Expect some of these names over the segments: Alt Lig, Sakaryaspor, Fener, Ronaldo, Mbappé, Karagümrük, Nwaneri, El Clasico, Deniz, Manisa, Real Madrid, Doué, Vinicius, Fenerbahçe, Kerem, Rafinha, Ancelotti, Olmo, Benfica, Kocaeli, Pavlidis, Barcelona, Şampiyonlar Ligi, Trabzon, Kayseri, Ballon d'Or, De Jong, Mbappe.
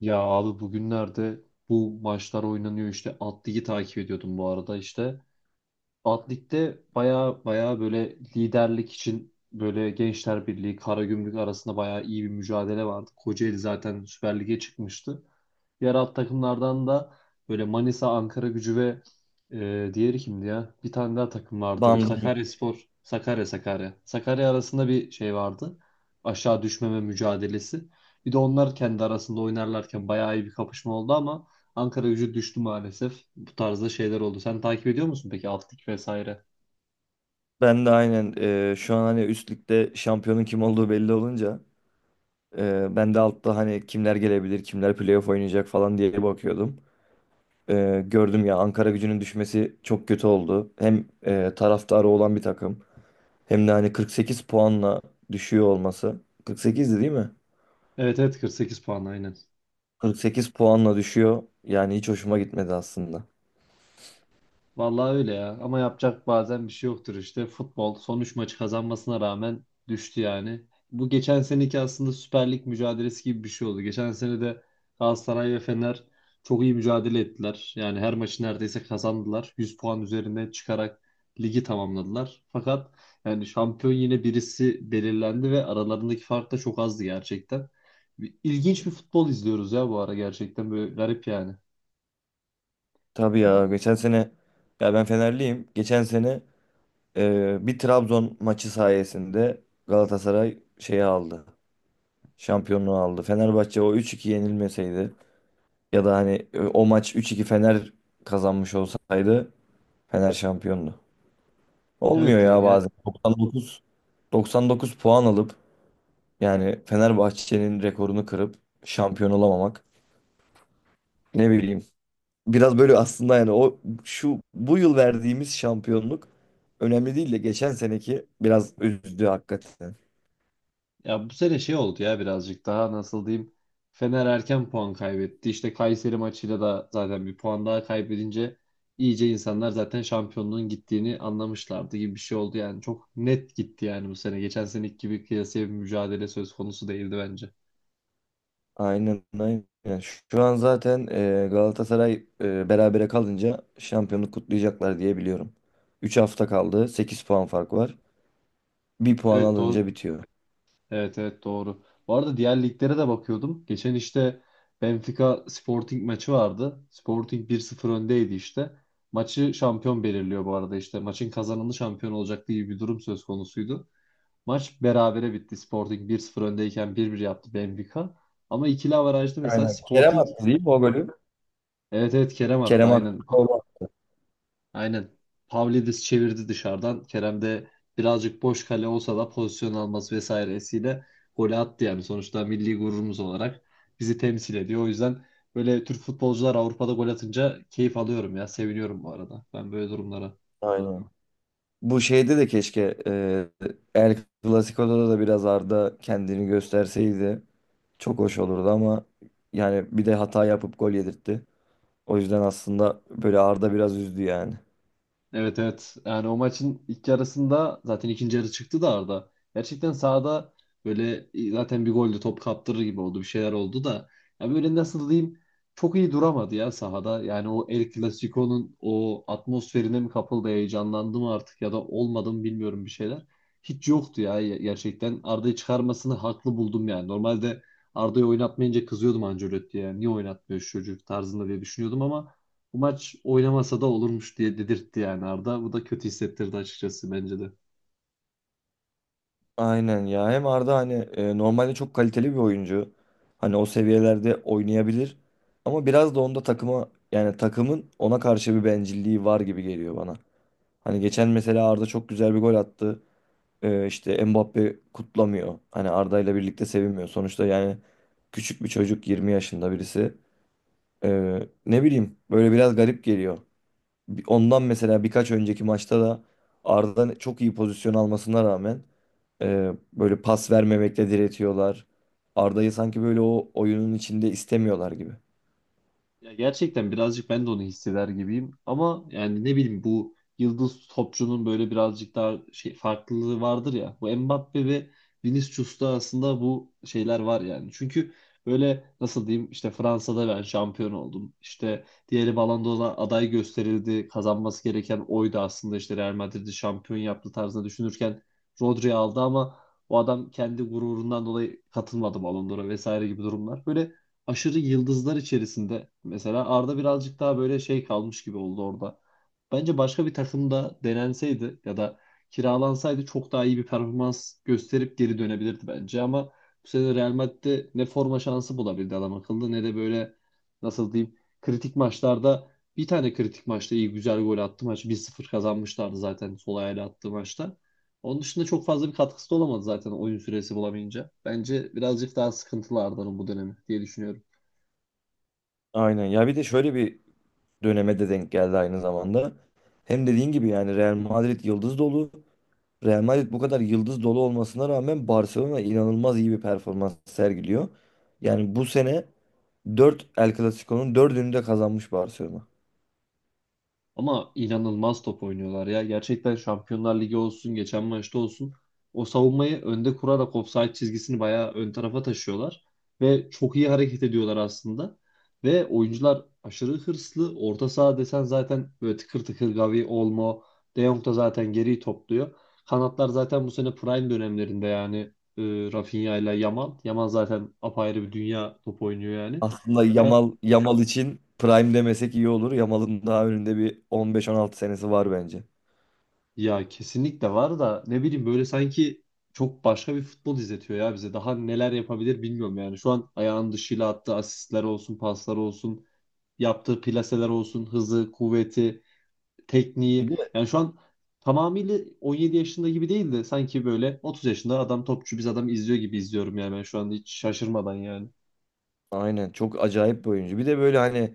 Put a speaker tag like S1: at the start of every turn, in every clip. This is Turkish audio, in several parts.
S1: Ya abi bugünlerde bu maçlar oynanıyor işte Alt Lig'i takip ediyordum bu arada işte. Alt Lig'de baya baya böyle liderlik için böyle Gençler Birliği, Karagümrük arasında baya iyi bir mücadele vardı. Kocaeli zaten Süper Lig'e çıkmıştı. Diğer alt takımlardan da böyle Manisa, Ankara Gücü ve diğeri kimdi ya? Bir tane daha takım vardı.
S2: Bandım.
S1: Sakaryaspor, Sakarya, Sakarya. Sakarya arasında bir şey vardı. Aşağı düşmeme mücadelesi. Bir de onlar kendi arasında oynarlarken bayağı iyi bir kapışma oldu ama Ankara Gücü düştü maalesef. Bu tarzda şeyler oldu. Sen takip ediyor musun peki alt lig vesaire?
S2: Ben de aynen şu an hani üst ligde şampiyonun kim olduğu belli olunca, ben de altta hani kimler gelebilir, kimler playoff oynayacak falan diye bakıyordum. Gördüm ya, Ankara gücünün düşmesi çok kötü oldu. Hem taraftarı olan bir takım hem de hani 48 puanla düşüyor olması. 48'di değil mi?
S1: Evet evet, 48 puan aynen.
S2: 48 puanla düşüyor. Yani hiç hoşuma gitmedi aslında.
S1: Vallahi öyle ya. Ama yapacak bazen bir şey yoktur işte. Futbol son 3 maçı kazanmasına rağmen düştü yani. Bu geçen seneki aslında Süper Lig mücadelesi gibi bir şey oldu. Geçen sene de Galatasaray ve Fener çok iyi mücadele ettiler. Yani her maçı neredeyse kazandılar. 100 puan üzerinde çıkarak ligi tamamladılar. Fakat yani şampiyon yine birisi belirlendi ve aralarındaki fark da çok azdı gerçekten. İlginç bir futbol izliyoruz ya bu ara gerçekten böyle garip yani.
S2: Tabii ya, geçen sene, ya ben Fenerliyim. Geçen sene bir Trabzon maçı sayesinde Galatasaray şeyi aldı. Şampiyonluğu aldı. Fenerbahçe o üç iki yenilmeseydi ya da hani o maç üç iki Fener kazanmış olsaydı, Fener şampiyondu. Olmuyor
S1: Evet ya,
S2: ya
S1: ya.
S2: bazen. 99 puan alıp yani Fenerbahçe'nin rekorunu kırıp şampiyon olamamak. Ne bileyim. Biraz böyle aslında yani o şu bu yıl verdiğimiz şampiyonluk önemli değil de geçen seneki biraz üzdü hakikaten.
S1: Ya bu sene şey oldu ya, birazcık daha nasıl diyeyim. Fener erken puan kaybetti. İşte Kayseri maçıyla da zaten bir puan daha kaybedince iyice insanlar zaten şampiyonluğun gittiğini anlamışlardı gibi bir şey oldu. Yani çok net gitti yani bu sene. Geçen seneki gibi kıyasıya bir mücadele söz konusu değildi bence.
S2: Aynen, aynen. Şu an zaten Galatasaray berabere kalınca şampiyonluk kutlayacaklar diye biliyorum. 3 hafta kaldı. Sekiz puan fark var. Bir puan
S1: Evet doğru.
S2: alınca bitiyor.
S1: Evet evet doğru. Bu arada diğer liglere de bakıyordum. Geçen işte Benfica Sporting maçı vardı. Sporting bir sıfır öndeydi işte. Maçı şampiyon belirliyor bu arada işte. Maçın kazananı şampiyon olacak diye bir durum söz konusuydu. Maç berabere bitti. Sporting bir sıfır öndeyken 1-1 yaptı Benfica. Ama ikili averajda mesela
S2: Aynen. Kerem
S1: Sporting
S2: attı değil mi o golü?
S1: evet evet Kerem attı
S2: Kerem attı
S1: aynen.
S2: o gol.
S1: Aynen. Pavlidis çevirdi dışarıdan. Kerem de birazcık boş kale olsa da pozisyon alması vesairesiyle golü attı yani. Sonuçta milli gururumuz olarak bizi temsil ediyor. O yüzden böyle Türk futbolcular Avrupa'da gol atınca keyif alıyorum ya. Seviniyorum bu arada. Ben böyle durumlara.
S2: Aynen. Bu şeyde de keşke El Clasico'da da biraz Arda kendini gösterseydi çok hoş olurdu ama yani bir de hata yapıp gol yedirtti. O yüzden aslında böyle Arda biraz üzdü yani.
S1: Evet evet. Yani o maçın ilk yarısında zaten ikinci yarı çıktı da Arda. Gerçekten sahada böyle zaten bir golle top kaptırır gibi oldu. Bir şeyler oldu da. Ya böyle nasıl diyeyim, çok iyi duramadı ya sahada. Yani o El Clasico'nun o atmosferine mi kapıldı, heyecanlandı mı artık ya da olmadı mı bilmiyorum bir şeyler. Hiç yoktu ya gerçekten. Arda'yı çıkarmasını haklı buldum yani. Normalde Arda'yı oynatmayınca kızıyordum Ancelotti'ye. Niye oynatmıyor şu çocuk tarzında diye düşünüyordum ama bu maç oynamasa da olurmuş diye dedirtti yani Arda. Bu da kötü hissettirdi açıkçası bence de.
S2: Aynen ya. Hem Arda hani normalde çok kaliteli bir oyuncu. Hani o seviyelerde oynayabilir. Ama biraz da onda takıma yani takımın ona karşı bir bencilliği var gibi geliyor bana. Hani geçen mesela Arda çok güzel bir gol attı. İşte Mbappe kutlamıyor. Hani Arda ile birlikte sevinmiyor. Sonuçta yani küçük bir çocuk, 20 yaşında birisi. E, Ne bileyim, böyle biraz garip geliyor. Ondan mesela birkaç önceki maçta da Arda çok iyi pozisyon almasına rağmen böyle pas vermemekle diretiyorlar. Arda'yı sanki böyle o oyunun içinde istemiyorlar gibi.
S1: Ya gerçekten birazcık ben de onu hisseder gibiyim. Ama yani ne bileyim bu yıldız topçunun böyle birazcık daha şey farklılığı vardır ya. Bu Mbappe ve Vinicius'ta aslında bu şeyler var yani. Çünkü böyle nasıl diyeyim işte Fransa'da ben şampiyon oldum. İşte diğeri Ballon d'Or'a aday gösterildi. Kazanması gereken oydu aslında, işte Real Madrid'i şampiyon yaptı tarzında düşünürken Rodri aldı ama o adam kendi gururundan dolayı katılmadı Ballon d'Or'a vesaire gibi durumlar. Böyle aşırı yıldızlar içerisinde mesela Arda birazcık daha böyle şey kalmış gibi oldu orada. Bence başka bir takımda denenseydi ya da kiralansaydı çok daha iyi bir performans gösterip geri dönebilirdi bence ama bu sene Real Madrid'de ne forma şansı bulabildi adam akıllı ne de böyle nasıl diyeyim kritik maçlarda, bir tane kritik maçta iyi güzel gol attı, maç 1-0 kazanmışlardı zaten sol ayağıyla attığı maçta. Onun dışında çok fazla bir katkısı da olamadı zaten oyun süresi bulamayınca. Bence birazcık daha sıkıntılı Arda'nın bu dönemi diye düşünüyorum.
S2: Aynen. Ya bir de şöyle bir döneme de denk geldi aynı zamanda. Hem dediğin gibi yani Real Madrid yıldız dolu. Real Madrid bu kadar yıldız dolu olmasına rağmen Barcelona inanılmaz iyi bir performans sergiliyor. Yani bu sene 4 El Clasico'nun 4'ünü de kazanmış Barcelona.
S1: Ama inanılmaz top oynuyorlar ya. Gerçekten Şampiyonlar Ligi olsun, geçen maçta olsun. O savunmayı önde kurarak ofsayt çizgisini bayağı ön tarafa taşıyorlar. Ve çok iyi hareket ediyorlar aslında. Ve oyuncular aşırı hırslı. Orta saha desen zaten böyle tıkır tıkır Gavi, Olmo, De Jong da zaten geriyi topluyor. Kanatlar zaten bu sene prime dönemlerinde yani e, Rafinha ile Yamal. Yamal zaten apayrı bir dünya top oynuyor yani.
S2: Aslında Yamal için prime demesek iyi olur. Yamal'ın daha önünde bir 15-16 senesi var bence.
S1: Ya kesinlikle var da ne bileyim böyle sanki çok başka bir futbol izletiyor ya bize. Daha neler yapabilir bilmiyorum yani. Şu an ayağın dışıyla attığı asistler olsun, paslar olsun, yaptığı plaseler olsun, hızı, kuvveti, tekniği.
S2: Bir de
S1: Yani şu an tamamıyla 17 yaşında gibi değil de sanki böyle 30 yaşında adam topçu biz adam izliyor gibi izliyorum yani ben şu anda hiç şaşırmadan yani.
S2: aynen çok acayip bir oyuncu. Bir de böyle hani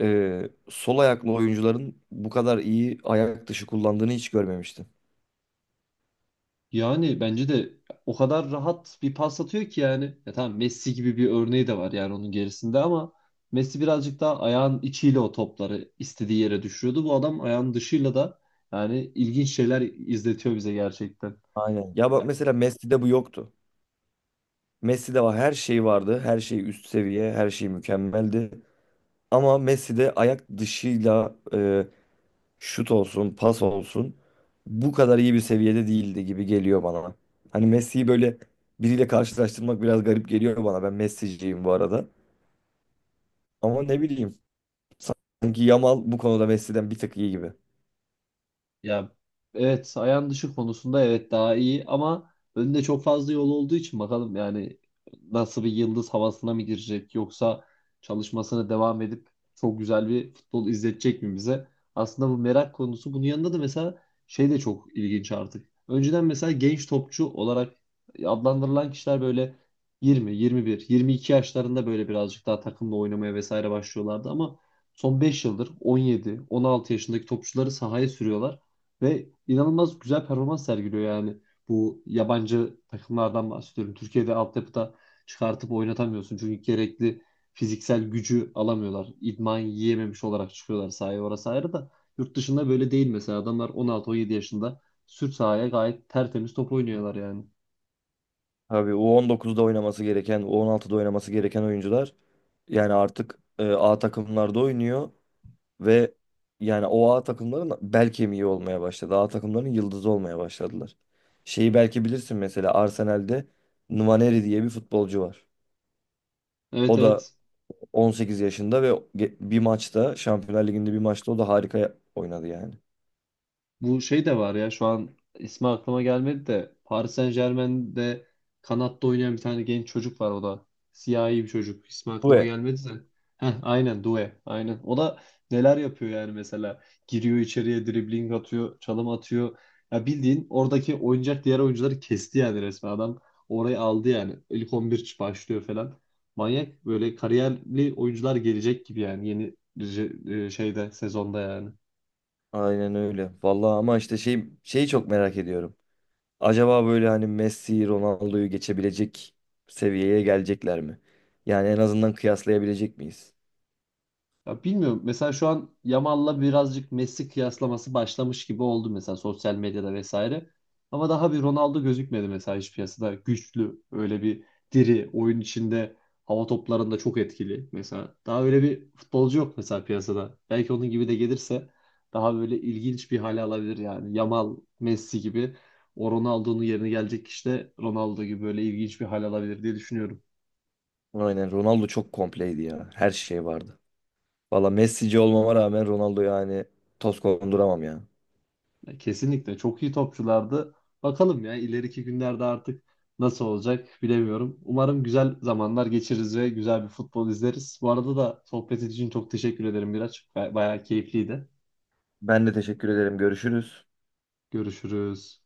S2: sol ayaklı oyuncuların bu kadar iyi ayak dışı kullandığını hiç görmemiştim.
S1: Yani bence de o kadar rahat bir pas atıyor ki yani. Ya tamam Messi gibi bir örneği de var yani, onun gerisinde ama Messi birazcık daha ayağın içiyle o topları istediği yere düşürüyordu. Bu adam ayağın dışıyla da yani ilginç şeyler izletiyor bize gerçekten.
S2: Aynen. Ya bak mesela Messi'de bu yoktu. Messi'de var, her şey vardı. Her şey üst seviye, her şey mükemmeldi. Ama Messi'de ayak dışıyla şut olsun, pas olsun bu kadar iyi bir seviyede değildi gibi geliyor bana. Hani Messi'yi böyle biriyle karşılaştırmak biraz garip geliyor bana. Ben Messi'ciyim bu arada. Ama ne bileyim, sanki Yamal bu konuda Messi'den bir tık iyi gibi.
S1: Ya evet, ayağın dışı konusunda evet daha iyi ama önünde çok fazla yol olduğu için bakalım yani nasıl, bir yıldız havasına mı girecek yoksa çalışmasına devam edip çok güzel bir futbol izletecek mi bize? Aslında bu merak konusu, bunun yanında da mesela şey de çok ilginç artık. Önceden mesela genç topçu olarak adlandırılan kişiler böyle 20, 21, 22 yaşlarında böyle birazcık daha takımla oynamaya vesaire başlıyorlardı ama son 5 yıldır 17, 16 yaşındaki topçuları sahaya sürüyorlar. Ve inanılmaz güzel performans sergiliyor yani. Bu yabancı takımlardan bahsediyorum. Türkiye'de altyapıda çıkartıp oynatamıyorsun. Çünkü gerekli fiziksel gücü alamıyorlar. İdman yiyememiş olarak çıkıyorlar sahaya. Orası ayrı da yurt dışında böyle değil mesela. Adamlar 16-17 yaşında sürt sahaya gayet tertemiz top oynuyorlar yani.
S2: Abi U19'da oynaması gereken, U16'da oynaması gereken oyuncular yani artık A takımlarda oynuyor. Ve yani o A takımların bel kemiği olmaya başladı. A takımların yıldızı olmaya başladılar. Şeyi belki bilirsin, mesela Arsenal'de Nwaneri diye bir futbolcu var.
S1: Evet
S2: O da
S1: evet.
S2: 18 yaşında ve bir maçta Şampiyonlar Ligi'nde bir maçta o da harika oynadı yani.
S1: Bu şey de var ya, şu an ismi aklıma gelmedi de Paris Saint-Germain'de kanatta oynayan bir tane genç çocuk var o da. Siyahi bir çocuk. İsmi aklıma
S2: Ve
S1: gelmedi de. Heh, aynen Doué. Aynen. O da neler yapıyor yani mesela. Giriyor içeriye, dribling atıyor, çalım atıyor. Ya bildiğin oradaki oynayacak diğer oyuncuları kesti yani resmen adam. Orayı aldı yani. İlk 11 başlıyor falan. Manyak böyle kariyerli oyuncular gelecek gibi yani yeni şeyde sezonda yani.
S2: aynen öyle. Vallahi ama işte şeyi çok merak ediyorum. Acaba böyle hani Messi, Ronaldo'yu geçebilecek seviyeye gelecekler mi? Yani en azından kıyaslayabilecek miyiz?
S1: Ya bilmiyorum. Mesela şu an Yamal'la birazcık Messi kıyaslaması başlamış gibi oldu mesela sosyal medyada vesaire. Ama daha bir Ronaldo gözükmedi mesela hiç piyasada. Güçlü, öyle bir diri, oyun içinde, hava toplarında çok etkili mesela. Daha öyle bir futbolcu yok mesela piyasada. Belki onun gibi de gelirse daha böyle ilginç bir hale alabilir yani. Yamal, Messi gibi, o Ronaldo'nun yerine gelecek kişi de Ronaldo gibi böyle ilginç bir hale alabilir diye düşünüyorum.
S2: Aynen, Ronaldo çok kompleydi ya. Her şey vardı. Valla Messi'ci olmama rağmen Ronaldo yani toz konduramam ya.
S1: Ya kesinlikle çok iyi topçulardı. Bakalım ya ileriki günlerde artık nasıl olacak bilemiyorum. Umarım güzel zamanlar geçiririz ve güzel bir futbol izleriz. Bu arada da sohbet için çok teşekkür ederim Miraç. Bayağı keyifliydi.
S2: Ben de teşekkür ederim. Görüşürüz.
S1: Görüşürüz.